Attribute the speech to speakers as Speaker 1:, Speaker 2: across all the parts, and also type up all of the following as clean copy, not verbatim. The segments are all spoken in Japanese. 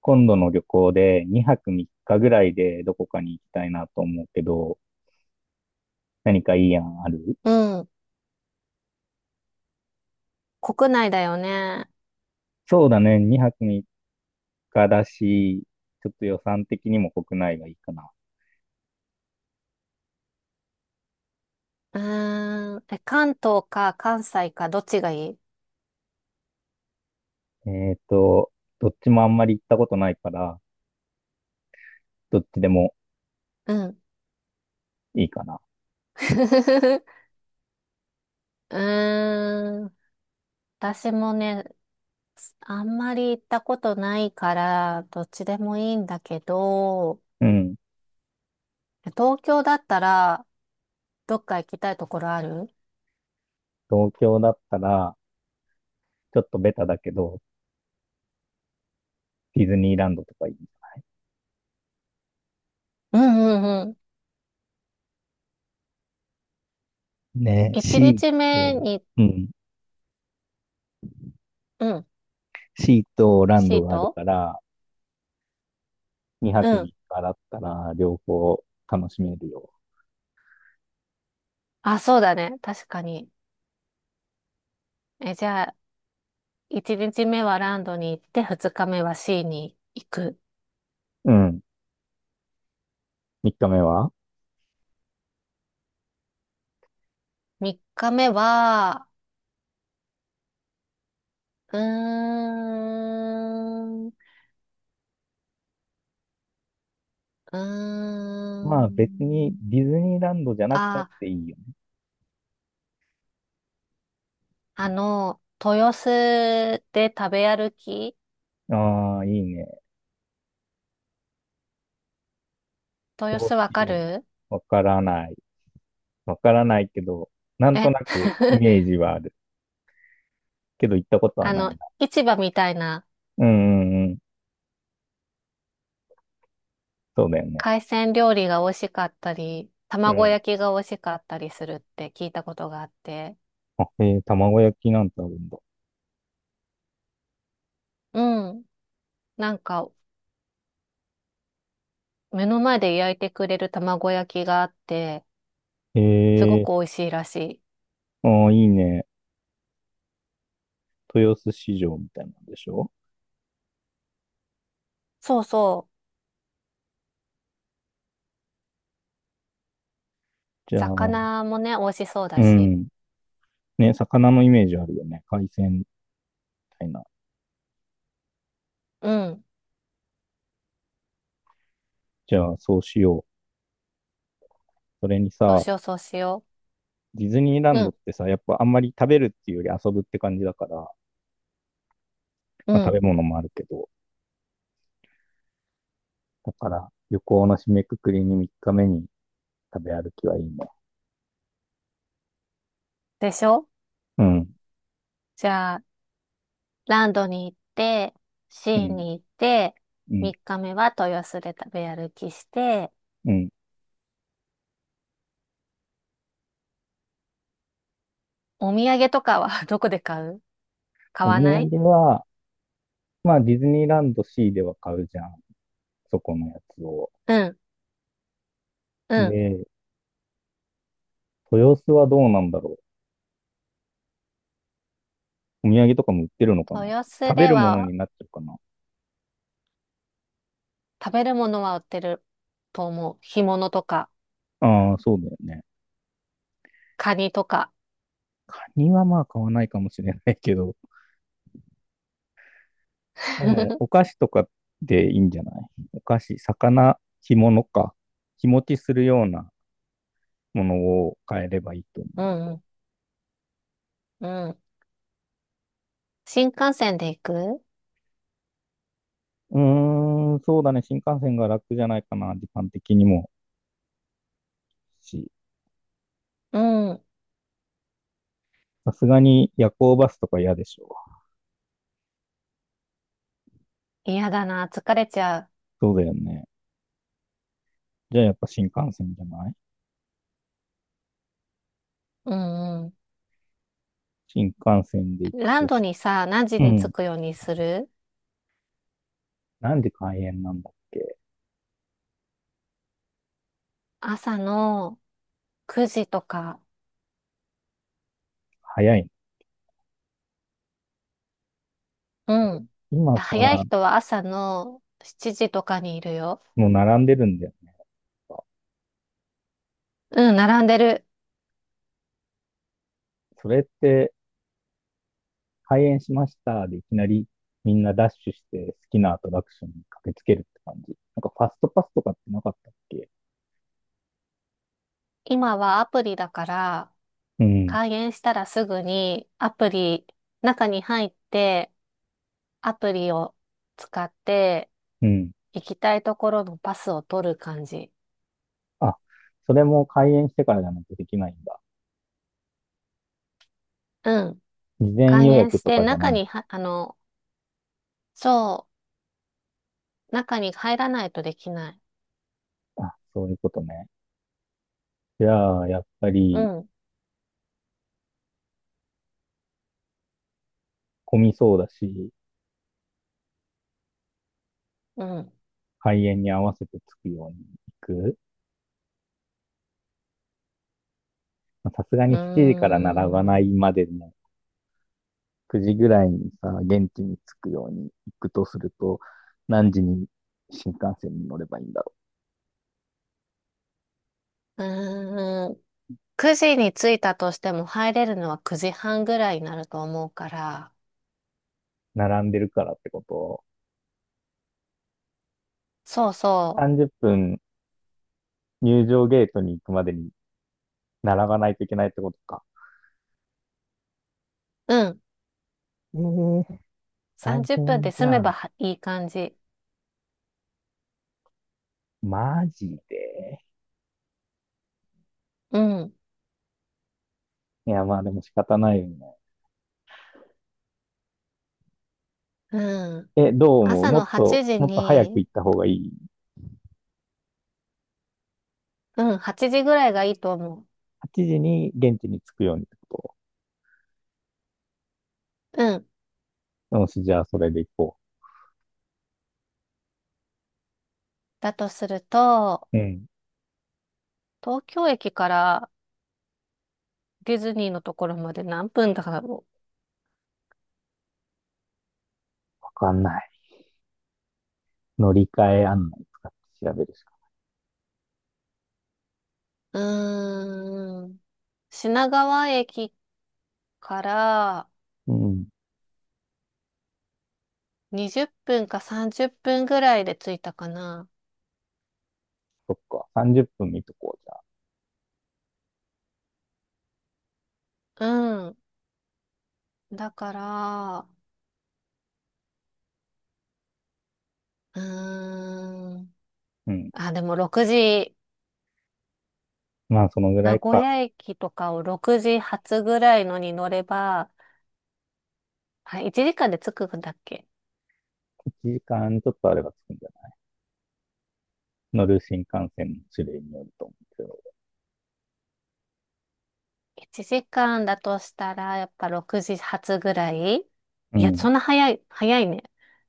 Speaker 1: 今度の旅行で2泊3日ぐらいでどこかに行きたいなと思うけど、何かいい案ある？
Speaker 2: うん。国内だよね。
Speaker 1: そうだね、2泊3日だし、ちょっと予算的にも国内がいいかな。
Speaker 2: うーん。え、関東か関西かどっちがいい？
Speaker 1: えっと、どっちもあんまり行ったことないから、どっちでも
Speaker 2: うん。
Speaker 1: いいかな。
Speaker 2: うーん。私もね、あんまり行ったことないから、どっちでもいいんだけど、
Speaker 1: うん。
Speaker 2: 東京だったら、どっか行きたいところある？
Speaker 1: 東京だったら、ちょっとベタだけど、ディズニーランドとかいい？
Speaker 2: うんうんうん。
Speaker 1: ね、
Speaker 2: 一
Speaker 1: シ
Speaker 2: 日
Speaker 1: ー
Speaker 2: 目
Speaker 1: と、
Speaker 2: に、
Speaker 1: うん。
Speaker 2: うん。
Speaker 1: シーとラン
Speaker 2: シ
Speaker 1: ド
Speaker 2: ー
Speaker 1: がある
Speaker 2: ト
Speaker 1: から、2
Speaker 2: う
Speaker 1: 泊
Speaker 2: ん。
Speaker 1: 3日だったら両方楽しめるよ。
Speaker 2: あ、そうだね。確かに。え、じゃあ、一日目はランドに行って、二日目はシーに行く。
Speaker 1: うん。3日目は
Speaker 2: 3日目は、うーん、うー
Speaker 1: まあ別に
Speaker 2: ん、
Speaker 1: ディズニーランドじゃなくたっ
Speaker 2: あ、
Speaker 1: ていいよね。
Speaker 2: 豊洲で食べ歩き。
Speaker 1: ああ、いいね。
Speaker 2: 豊
Speaker 1: そ
Speaker 2: 洲
Speaker 1: う
Speaker 2: わ
Speaker 1: し
Speaker 2: か
Speaker 1: よ
Speaker 2: る？
Speaker 1: う。わからない。わからないけど、なんと
Speaker 2: え
Speaker 1: なくイ メージはある。けど行ったことは
Speaker 2: あ
Speaker 1: ない
Speaker 2: の、
Speaker 1: な。
Speaker 2: 市場みたいな。
Speaker 1: うんうんうん。そうだよね。
Speaker 2: 海鮮料理が美味しかったり、
Speaker 1: う
Speaker 2: 卵
Speaker 1: ん。
Speaker 2: 焼きが美味しかったりするって聞いたことがあって、
Speaker 1: あ、卵焼きなんてあるんだ。
Speaker 2: うん、なんか、目の前で焼いてくれる卵焼きがあって、
Speaker 1: へ
Speaker 2: すご
Speaker 1: え、
Speaker 2: く美味しいらしい。
Speaker 1: ああ、いいね。豊洲市場みたいなんでしょ？
Speaker 2: そうそう。
Speaker 1: じゃあ、
Speaker 2: 魚もね、美味しそう
Speaker 1: う
Speaker 2: だし。
Speaker 1: ん。ね、魚のイメージあるよね。海鮮みたいな。
Speaker 2: うん。
Speaker 1: じゃあ、そうしよう。それに
Speaker 2: そう
Speaker 1: さ、
Speaker 2: しよう、そうしよ
Speaker 1: ディズニーラ
Speaker 2: う。
Speaker 1: ン
Speaker 2: う
Speaker 1: ドっ
Speaker 2: ん、
Speaker 1: てさ、やっぱあんまり食べるっていうより遊ぶって感じだから、ま
Speaker 2: う
Speaker 1: あ食
Speaker 2: ん。
Speaker 1: べ物もあるけど、だから旅行の締めくくりに3日目に食べ歩きはいいね。
Speaker 2: でしょ？
Speaker 1: うん、
Speaker 2: じゃあ、ランドに行って、シ
Speaker 1: う
Speaker 2: ー
Speaker 1: ん、
Speaker 2: に行って、
Speaker 1: うん、
Speaker 2: 3日目は豊洲で食べ歩きして、
Speaker 1: うん。
Speaker 2: お土産とかは どこで買う？買
Speaker 1: お
Speaker 2: わ
Speaker 1: 土
Speaker 2: ない？
Speaker 1: 産は、まあディズニーランド C では買うじゃん。そこのやつを。
Speaker 2: うん、うん。
Speaker 1: で、豊洲はどうなんだろう。お土産とかも売ってるのかな？
Speaker 2: 豊洲
Speaker 1: 食べ
Speaker 2: で
Speaker 1: るもの
Speaker 2: は
Speaker 1: になっちゃうかな？
Speaker 2: 食べるものは売ってると思う。干物とか、
Speaker 1: ああ、そうだよね。
Speaker 2: カニとか。
Speaker 1: カニはまあ買わないかもしれないけど、でも、お 菓子とかでいいんじゃない？お菓子、魚、干物か。日持ちするようなものを買えればいいと
Speaker 2: うん、うん、うん。新幹線で行く？
Speaker 1: 思う。うーん、そうだね。新幹線が楽じゃないかな、時間的にも。し、
Speaker 2: うん。
Speaker 1: さすがに夜行バスとか嫌でしょ。
Speaker 2: 嫌だな、疲れちゃ
Speaker 1: そうだよね。じゃあやっぱ新幹線じゃない？
Speaker 2: う。うん。
Speaker 1: 新幹線で行く
Speaker 2: ラン
Speaker 1: と
Speaker 2: ド
Speaker 1: し、
Speaker 2: にさ、何時
Speaker 1: う
Speaker 2: に着
Speaker 1: ん。
Speaker 2: くようにする？
Speaker 1: 何時開園なんだっけ？
Speaker 2: 朝の9時とか。
Speaker 1: 早いの？
Speaker 2: うん。
Speaker 1: 今
Speaker 2: 早い
Speaker 1: さ、
Speaker 2: 人は朝の7時とかにいるよ。
Speaker 1: もう並んでるんだよね。
Speaker 2: うん、並んでる。
Speaker 1: それって、開演しましたでいきなりみんなダッシュして好きなアトラクションに駆けつけるって感じ。なんかファストパスとかってなかったっけ？
Speaker 2: 今はアプリだから、
Speaker 1: うん、
Speaker 2: 開園したらすぐにアプリ、中に入って、アプリを使って、
Speaker 1: うん。
Speaker 2: 行きたいところのパスを取る感じ。
Speaker 1: あ、それも開演してからじゃないとできないんだ。
Speaker 2: うん。
Speaker 1: 事前
Speaker 2: 開
Speaker 1: 予
Speaker 2: 園
Speaker 1: 約
Speaker 2: し
Speaker 1: と
Speaker 2: て、
Speaker 1: かじゃな
Speaker 2: 中
Speaker 1: いん
Speaker 2: に
Speaker 1: だ。
Speaker 2: は、そう、中に入らないとできない。
Speaker 1: あ、そういうことね。じゃあ、やっぱ
Speaker 2: う
Speaker 1: り
Speaker 2: ん、
Speaker 1: 混みそうだし、
Speaker 2: うん。
Speaker 1: 開演に合わせて着くように行く。まあさすが
Speaker 2: うー
Speaker 1: に7時から並ばない
Speaker 2: ん。
Speaker 1: までの9時ぐらいにさ、現地に着くように行くとすると、何時に新幹線に乗ればいいんだ？
Speaker 2: うーん。9時に着いたとしても入れるのは9時半ぐらいになると思うから。
Speaker 1: 並んでるからってことを。
Speaker 2: そうそ
Speaker 1: 30分入場ゲートに行くまでに並ばないといけないってことか。
Speaker 2: う。うん。
Speaker 1: ええー、大
Speaker 2: 30分
Speaker 1: 変
Speaker 2: で
Speaker 1: じ
Speaker 2: 済め
Speaker 1: ゃ
Speaker 2: ば
Speaker 1: ん。
Speaker 2: はいい感じ。
Speaker 1: マジで。
Speaker 2: うん。
Speaker 1: いや、まあでも仕方ないよね。
Speaker 2: うん。
Speaker 1: え、どう思う？
Speaker 2: 朝
Speaker 1: も
Speaker 2: の
Speaker 1: っと、
Speaker 2: 8時
Speaker 1: もっと早く
Speaker 2: に、
Speaker 1: 行った方がいい？
Speaker 2: うん、8時ぐらいがいいと思
Speaker 1: 8 時に現地に着くようにってこ
Speaker 2: う。うん。
Speaker 1: と？よし、じゃあそれで行こ
Speaker 2: だとすると、
Speaker 1: う。うん。
Speaker 2: 東京駅からディズニーのところまで何分だろ
Speaker 1: わかんない。乗り換え案内使って調べるしか。
Speaker 2: う。うーん。品川駅から、
Speaker 1: うん。
Speaker 2: 20分か30分ぐらいで着いたかな。
Speaker 1: そっか。30分見とこう、じゃあ。
Speaker 2: うん。だから、うーん。
Speaker 1: うん。
Speaker 2: あ、でも6時、
Speaker 1: まあそのぐら
Speaker 2: 名
Speaker 1: い
Speaker 2: 古
Speaker 1: か。
Speaker 2: 屋駅とかを6時発ぐらいのに乗れば、あ、1時間で着くんだっけ？
Speaker 1: 1時間ちょっとあれば着くんじゃない？乗る新幹線の種類によると思うんですけど。
Speaker 2: 1 時間だとしたら、やっぱ6時発ぐらい。
Speaker 1: う
Speaker 2: いや、
Speaker 1: ん。
Speaker 2: そんな早い、早いね。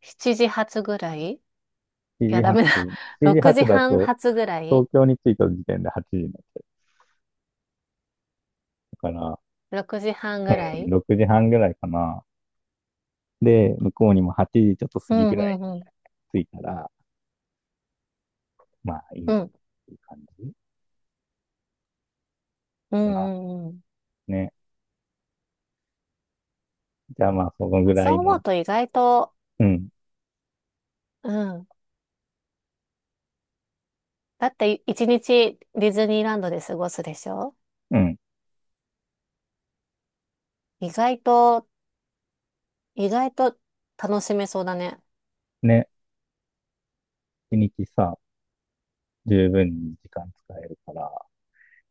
Speaker 2: 7時発ぐらい。い
Speaker 1: 7
Speaker 2: や、
Speaker 1: 時
Speaker 2: ダ
Speaker 1: 発、
Speaker 2: メだ。
Speaker 1: 7時
Speaker 2: 6
Speaker 1: 発だ
Speaker 2: 時半
Speaker 1: と、
Speaker 2: 発ぐらい。
Speaker 1: 東京に着いた時点で8時になっちゃうから、
Speaker 2: 6 時半
Speaker 1: う
Speaker 2: ぐら
Speaker 1: ん、
Speaker 2: い。
Speaker 1: 6時半ぐらいかな。で、向こうにも8時ちょっと過
Speaker 2: う
Speaker 1: ぎぐ
Speaker 2: ん、う
Speaker 1: らい
Speaker 2: ん、
Speaker 1: に
Speaker 2: うん。
Speaker 1: 着いたら、まあいいん
Speaker 2: う
Speaker 1: じゃな
Speaker 2: ん
Speaker 1: い？っていう感じ
Speaker 2: う
Speaker 1: かな。
Speaker 2: んうん。
Speaker 1: ね。じゃあまあそのぐ
Speaker 2: 発
Speaker 1: らい
Speaker 2: 音ボー
Speaker 1: の、
Speaker 2: ト意外と、
Speaker 1: うん、
Speaker 2: うん。だって一日ディズニーランドで過ごすでしょ？
Speaker 1: うん。
Speaker 2: 意外と、意外と楽しめそうだね。
Speaker 1: ね。一日さ、十分に時間使えるから、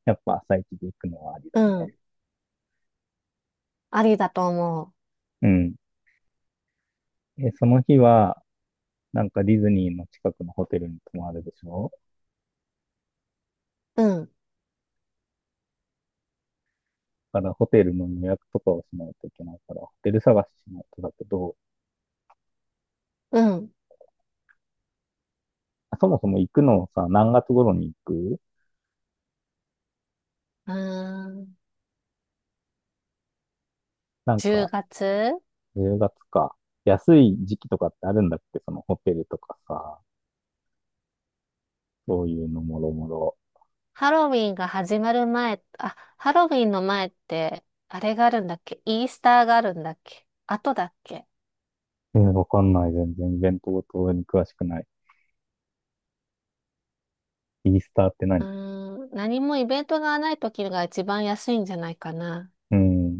Speaker 1: やっぱ朝一で行くのはあり
Speaker 2: う
Speaker 1: だね。
Speaker 2: ん。ありだと思
Speaker 1: うん。で、その日は、なんかディズニーの近くのホテルに泊まるでしょ？
Speaker 2: う。うん。
Speaker 1: からホテルの予約とかをしないといけないから、ホテル探ししないとだけど、
Speaker 2: うん。
Speaker 1: そもそも行くのをさ、何月頃に行く？
Speaker 2: うーん。
Speaker 1: なん
Speaker 2: 10
Speaker 1: か、
Speaker 2: 月
Speaker 1: 10月か。安い時期とかってあるんだって、そのホテルとかさ、そういうのもろもろ。
Speaker 2: ハロウィンが始まる前、あ、ハロウィンの前って、あれがあるんだっけ？イースターがあるんだっけ？後だっけ？
Speaker 1: わかんない。全然イベントごとに詳しくない。イースターって
Speaker 2: うー
Speaker 1: 何？
Speaker 2: ん。何もイベントがない時が一番安いんじゃないかな。
Speaker 1: うん。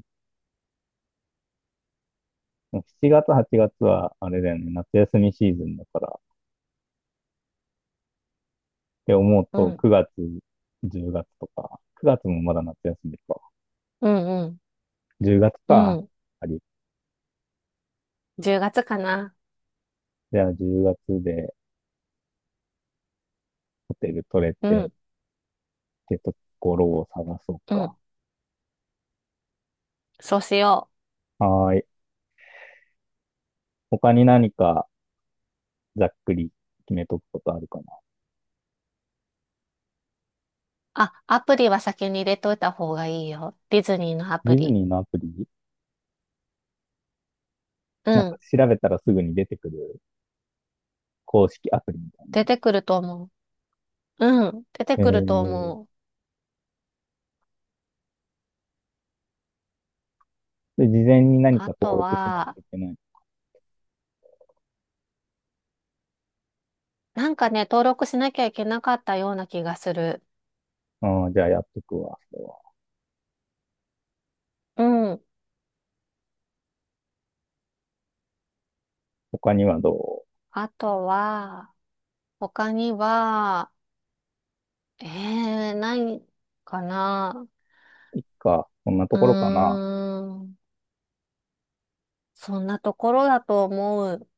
Speaker 1: 7月、8月は、あれだよね、夏休みシーズンだから。って思う
Speaker 2: う
Speaker 1: と、
Speaker 2: ん。
Speaker 1: 9月、10月とか、9月もまだ夏休みか。
Speaker 2: うんうん。
Speaker 1: 10月
Speaker 2: う
Speaker 1: か。
Speaker 2: ん。
Speaker 1: あり。
Speaker 2: 10月かな。
Speaker 1: じゃあ10月で、ホテル取れ
Speaker 2: う
Speaker 1: て
Speaker 2: ん、
Speaker 1: ってところを探そう
Speaker 2: う
Speaker 1: か。
Speaker 2: ん。そうしよう。
Speaker 1: はーい。他に何かざっくり決めとくことあるかな。
Speaker 2: あ、アプリは先に入れといた方がいいよ。ディズニーのア
Speaker 1: デ
Speaker 2: プ
Speaker 1: ィズ
Speaker 2: リ。
Speaker 1: ニーのアプリ？
Speaker 2: う
Speaker 1: なんか
Speaker 2: ん。
Speaker 1: 調べたらすぐに出てくる公式アプリみたいな？
Speaker 2: 出てくると思う。うん。出て
Speaker 1: え
Speaker 2: くると
Speaker 1: ー、
Speaker 2: 思う。
Speaker 1: で、事前に何
Speaker 2: あ
Speaker 1: か
Speaker 2: と
Speaker 1: 登録しない
Speaker 2: は、
Speaker 1: といけない？
Speaker 2: なんかね、登録しなきゃいけなかったような気がする。
Speaker 1: あーじゃあやっとくわ、それは。
Speaker 2: うん。
Speaker 1: 他にはど
Speaker 2: あとは、他には、えないかな。
Speaker 1: ういっか、こんなと
Speaker 2: うー
Speaker 1: ころかな。
Speaker 2: ん。そんなところだと思う。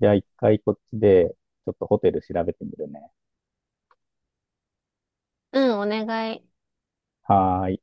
Speaker 1: じゃあ一回こっちで、ちょっとホテル調べてみるね。
Speaker 2: うん、お願い。
Speaker 1: はーい。